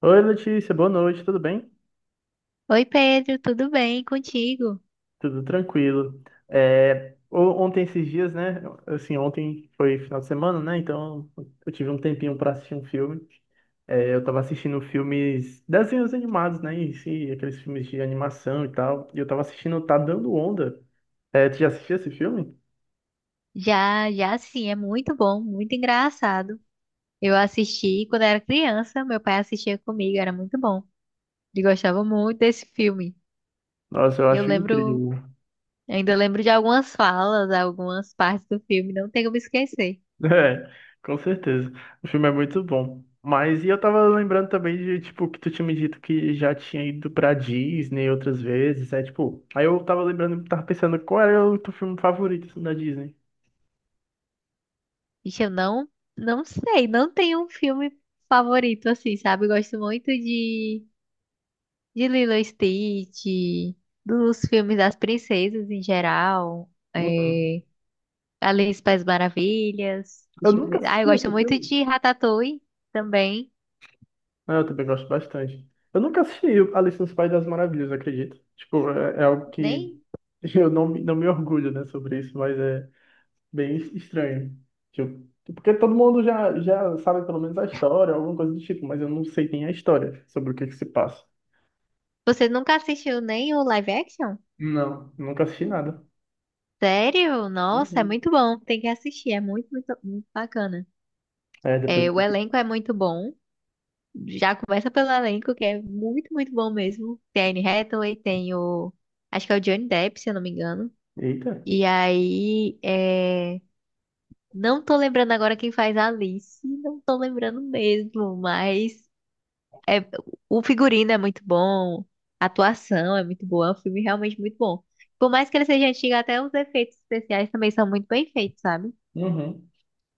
Oi, Letícia, boa noite, tudo bem? Oi Pedro, tudo bem contigo? Tudo tranquilo. Ontem, esses dias, né? Assim, ontem foi final de semana, né? Então eu tive um tempinho para assistir um filme. Eu tava assistindo filmes, desenhos animados, né? E, sim, aqueles filmes de animação e tal. E eu tava assistindo Tá Dando Onda. É, tu já assistiu esse filme? Já, já sim, é muito bom, muito engraçado. Eu assisti quando era criança, meu pai assistia comigo, era muito bom. Ele gostava muito desse filme. Nossa, eu Eu acho lembro, incrível. ainda lembro de algumas falas, algumas partes do filme, não tenho como esquecer. É, com certeza. O filme é muito bom. Mas e eu tava lembrando também de, tipo, que tu tinha me dito que já tinha ido pra Disney outras vezes, é tipo, aí eu tava lembrando, tava pensando qual era o teu filme favorito assim, da Disney. Ixi, eu não, não sei, não tenho um filme favorito assim, sabe? Eu gosto muito de Lilo e Stitch, dos filmes das princesas em geral. Uhum. é, Alice País Maravilhas. Eu Deixa eu nunca ver. Ah, eu assisti gosto esse muito filme. de Ratatouille também. Ah, eu também gosto bastante. Eu nunca assisti Alice no País das Maravilhas, acredito. Tipo, é algo que Nem. eu não, me- não me orgulho, né, sobre isso, mas é, bem estranho. Tipo, porque todo mundo já sabe pelo menos a história, alguma coisa do tipo, mas eu não sei nem a história, sobre o que que se passa. Você nunca assistiu nem o live action? Não, nunca assisti nada. Sério? Nossa, é Uhum. muito bom. Tem que assistir. É muito, muito, muito bacana. É, depois. É, o elenco é muito bom. Já começa pelo elenco, que é muito, muito bom mesmo. Tem a Anne Hathaway, tem o. Acho que é o Johnny Depp, se eu não me engano. Eita. E aí. Não tô lembrando agora quem faz a Alice. Não tô lembrando mesmo, mas. É, o figurino é muito bom, a atuação é muito boa, é um filme realmente muito bom. Por mais que ele seja antigo, até os efeitos especiais também são muito bem feitos, sabe? Uhum.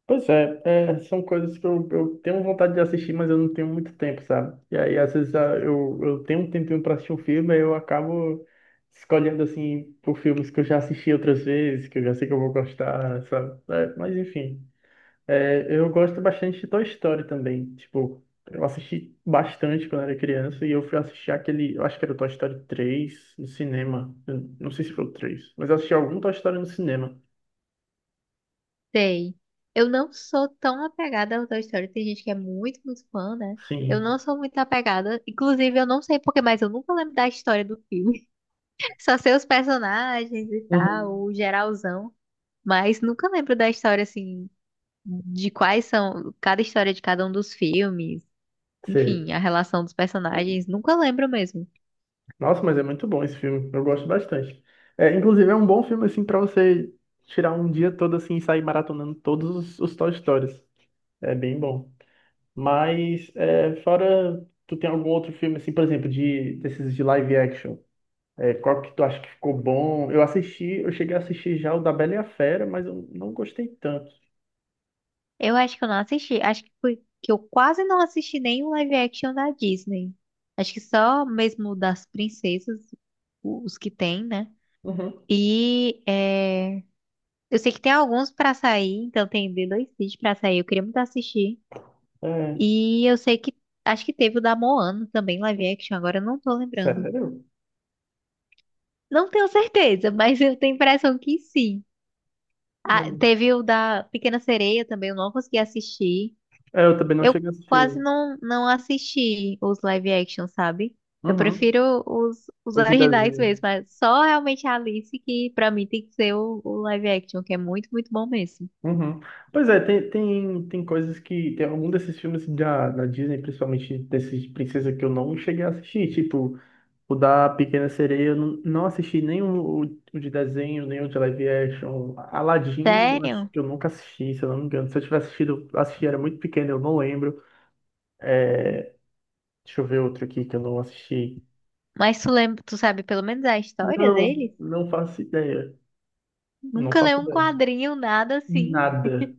Pois é, são coisas que eu tenho vontade de assistir, mas eu não tenho muito tempo, sabe? E aí, às vezes, ah, eu tenho um tempinho para assistir um filme, aí eu acabo escolhendo, assim, por filmes que eu já assisti outras vezes, que eu já sei que eu vou gostar, sabe? É, mas, enfim, é, eu gosto bastante de Toy Story também. Tipo, eu assisti bastante quando era criança e eu fui assistir aquele, eu acho que era o Toy Story 3 no cinema. Eu não sei se foi o 3, mas eu assisti algum Toy Story no cinema. Sei. Eu não sou tão apegada ao Toy Story, tem gente que é muito, muito fã, né? Eu Sim. não sou muito apegada, inclusive eu não sei porquê, mas eu nunca lembro da história do filme. Só sei os personagens e Uhum. tal, o geralzão, mas nunca lembro da história assim, de quais são cada história de cada um dos filmes. Sei. Enfim, a relação dos personagens, nunca lembro mesmo. Nossa, mas é muito bom esse filme. Eu gosto bastante. É, inclusive é um bom filme assim para você tirar um dia todo assim e sair maratonando todos os Toy Stories. É bem bom. Mas é, fora, tu tem algum outro filme assim, por exemplo, de desses de live action? É, qual que tu acha que ficou bom? Eu assisti, eu cheguei a assistir já o da Bela e a Fera, mas eu não gostei tanto. Eu acho que eu não assisti, acho que foi que eu quase não assisti nenhum live action da Disney. Acho que só mesmo das princesas, os que tem, né? Uhum. E é, eu sei que tem alguns pra sair, então tem The 2 cid pra sair, eu queria muito assistir. É, E eu sei que acho que teve o da Moana também, live action, agora eu não tô lembrando. sério? Não tenho certeza, mas eu tenho a impressão que sim. Ah, teve o da Pequena Sereia também, eu não consegui assistir. É, eu também não Eu cheguei a quase assistir. não, não assisti os live action, sabe? Eu Uhum. prefiro os Hoje originais desenho. mesmo, mas só realmente a Alice que pra mim tem que ser o live action, que é muito, muito bom mesmo. Uhum. Pois é, tem coisas que. Tem algum desses filmes da, da Disney, principalmente desses princesa que eu não cheguei a assistir. Tipo, o da Pequena Sereia, eu não, não assisti nem o, o de desenho, nem o de live action. Aladdin, eu acho Sério? que eu nunca assisti, se eu não me engano. Se eu tivesse assistido, eu assisti, era muito pequeno, eu não lembro. Deixa eu ver outro aqui que eu não assisti. Mas tu lembra, tu sabe pelo menos a história Não, deles? não faço ideia. Não Nunca leu faço um ideia. quadrinho, nada assim. Nada.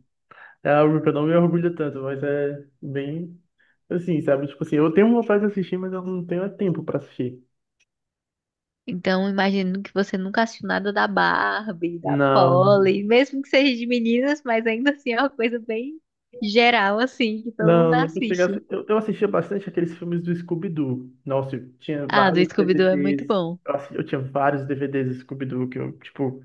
É algo que eu não me orgulho tanto, mas é bem assim, sabe? Tipo assim, eu tenho vontade de assistir, mas eu não tenho tempo pra assistir. Então, imagino que você nunca assistiu nada da Barbie, da Não, Polly, mesmo que seja de meninas, mas ainda assim é uma coisa bem geral, assim, que todo não, mundo nunca cheguei a... assiste. assi- eu assistia bastante aqueles filmes do Scooby-Doo. Nossa, eu tinha Ah, do vários Scooby-Doo é muito DVDs. bom. Eu, assi- eu tinha vários DVDs do Scooby-Doo que eu, tipo,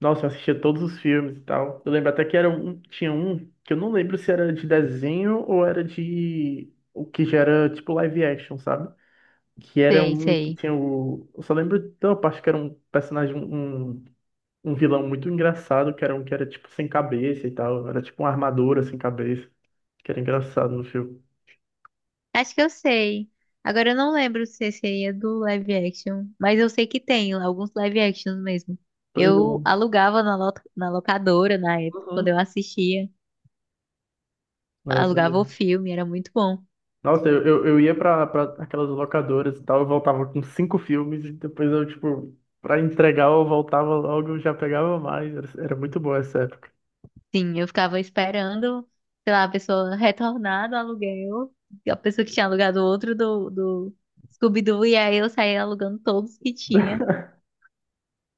nossa, eu assistia todos os filmes e tal. Eu lembro até que era um, tinha um que eu não lembro se era de desenho ou era de o que já era tipo live action, sabe? Que era Sei, um que sei. tinha o. Eu só lembro de uma parte que era um personagem, um um vilão muito engraçado, que era um que era tipo sem cabeça e tal. Era tipo uma armadura sem cabeça, que era engraçado no filme. Acho que eu sei. Agora eu não lembro se seria do live action, mas eu sei que tem alguns live actions mesmo. Pois Eu é. alugava na, na locadora na época, quando eu Uhum. assistia, Eu alugava o também. filme, era muito bom. Nossa, eu ia pra aquelas locadoras e tal, eu voltava com cinco filmes e depois eu, tipo, pra entregar eu voltava logo, eu já pegava mais. Era, era muito boa essa época. Sim, eu ficava esperando, sei lá, a pessoa retornar do aluguel, a pessoa que tinha alugado outro do Scooby-Doo, e aí eu saía alugando todos que tinha.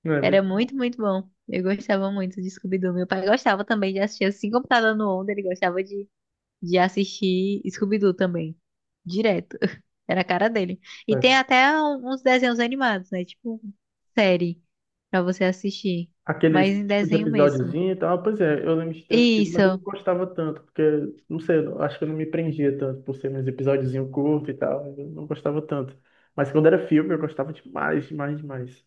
Não, é Era muito bom. muito, muito bom. Eu gostava muito de Scooby-Doo. Meu pai gostava também de assistir assim, computador no Onda, ele gostava de assistir Scooby-Doo também, direto. Era a cara dele. E tem É. até uns desenhos animados, né? Tipo, série pra você assistir, mas Aqueles em tipo de desenho mesmo. episódiozinho e tal, pois é, eu lembro de ter assistido, mas eu não Isso. gostava tanto, porque, não sei, eu acho que eu não me prendia tanto por ser uns episódiozinho curto e tal, eu não gostava tanto. Mas quando era filme, eu gostava demais, demais, demais.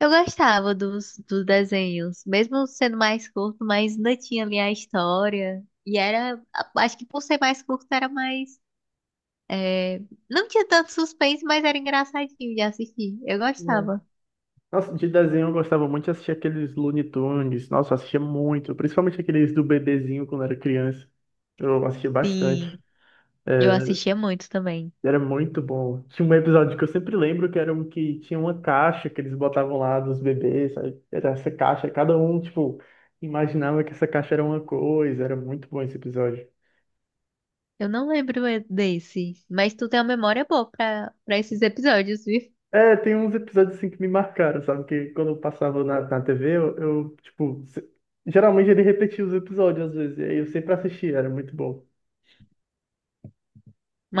Eu gostava dos desenhos, mesmo sendo mais curto, mas ainda tinha ali a história. E era, acho que por ser mais curto era mais, é, não tinha tanto suspense, mas era engraçadinho de assistir. Eu gostava. Nossa, de desenho eu gostava muito de assistir aqueles Looney Tunes. Nossa, eu assistia muito. Principalmente aqueles do bebezinho quando era criança. Eu assistia bastante. Sim, eu É, assistia muito também. era muito bom. Tinha um episódio que eu sempre lembro que era um que tinha uma caixa que eles botavam lá dos bebês. Aí era essa caixa. Cada um, tipo, imaginava que essa caixa era uma coisa. Era muito bom esse episódio. Eu não lembro desse, mas tu tem uma memória boa pra esses episódios, viu? É, tem uns episódios assim que me marcaram, sabe? Que quando eu passava na TV, tipo, se- geralmente ele repetia os episódios às vezes. E aí eu sempre assistia, era muito bom.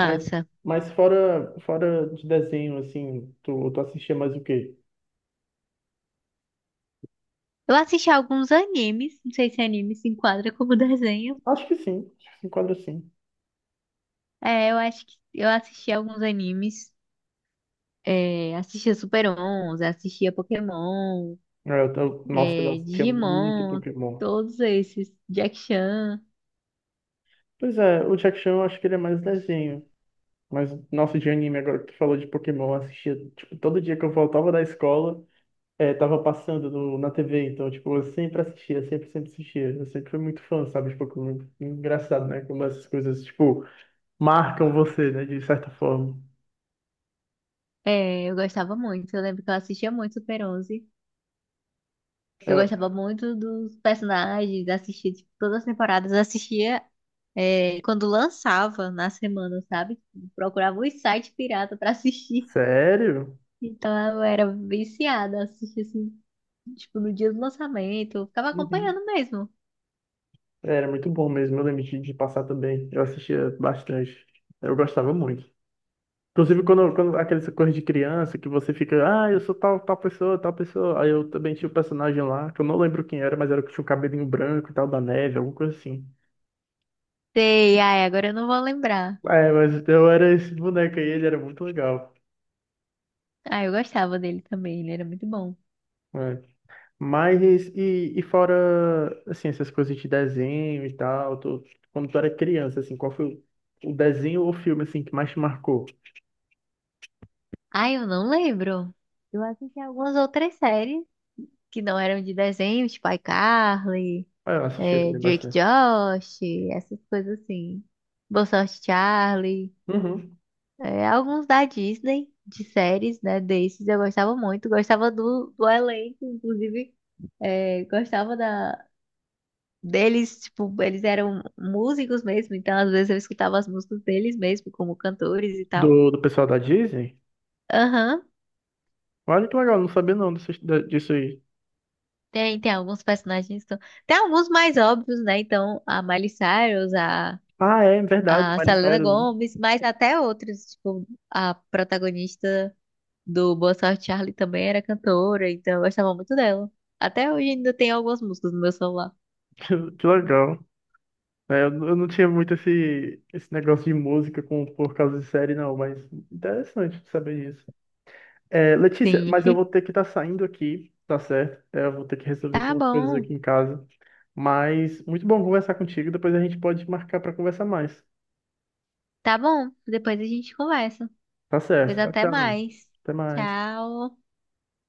Mas, fora de desenho, assim, tu assistia mais o quê? Eu assisti alguns animes, não sei se anime se enquadra como desenho. Acho que sim, acho que se enquadra sim. É, eu acho que eu assisti alguns animes. É, assistia Super 11, assistia Pokémon, É, nossa, eu assistia muito Digimon, Pokémon. todos esses. Jack Chan. Pois é, o Jack Chan eu acho que ele é mais desenho. Mas, nossa, de anime, agora que tu falou de Pokémon, eu assistia, tipo, todo dia que eu voltava da escola, é, tava passando no, na TV, então, tipo, eu sempre assistia, sempre assistia. Eu sempre fui muito fã, sabe, de Pokémon. Engraçado, né, como essas coisas, tipo, marcam você, né, de certa forma. É, eu gostava muito. Eu lembro que eu assistia muito Super 11. Eu É, gostava muito dos personagens, assistia, tipo, todas as temporadas, assistia quando lançava na semana, sabe? Tipo, procurava os sites pirata pra assistir. sério? Então eu era viciada, assistia assim, tipo, no dia do lançamento, eu ficava Uhum. acompanhando mesmo. Era muito bom mesmo, eu lembro de passar também. Eu assistia bastante. Eu gostava muito. Inclusive, quando aquelas coisas de criança que você fica, ah, eu sou tal, tal pessoa, tal pessoa. Aí eu também tinha o um personagem lá, que eu não lembro quem era, mas era o que tinha o cabelinho branco e tal, da neve, alguma coisa assim. Sei, ai, agora eu não vou lembrar. É, mas eu era esse boneco aí, ele era muito legal. Ah, eu gostava dele também, ele era muito bom. É. Mas, e fora, assim, essas coisas de desenho e tal, tu- quando tu era criança, assim, qual foi o desenho ou filme, assim, que mais te marcou? Ai, eu não lembro. Eu assisti algumas outras séries que não eram de desenho, tipo iCarly. Ah, eu assistia também Drake bastante. Josh, essas coisas assim. Boa Sorte Charlie. Uhum. É, alguns da Disney, de séries, né? Desses eu gostava muito. Gostava do elenco, inclusive. Gostava da, deles, tipo, eles eram músicos mesmo, então às vezes eu escutava as músicas deles mesmo, como cantores e tal. Do, do pessoal da Disney? Aham. Olha que legal, não sabia não disso, da- disso aí. Tem, tem alguns personagens que são... Tem alguns mais óbvios, né? Então, a Miley Cyrus, a Ah, é, é verdade, a Miley Selena Cyrus. Gomes, mas até outros, tipo, a protagonista do Boa Sorte Charlie também era cantora, então eu gostava muito dela. Até hoje ainda tem algumas músicas no meu celular. Que legal. É, eu não tinha muito esse, esse negócio de música com, por causa de série, não, mas interessante saber disso. É, Letícia, Sim. mas eu vou ter que estar saindo aqui, tá certo? É, eu vou ter que resolver aqui Tá umas coisas bom, aqui em casa. Mas muito bom conversar contigo, depois a gente pode marcar para conversar mais. tá bom. Depois a gente conversa. Tá certo, Pois tchau, até tchau. mais. Até mais. Tchau.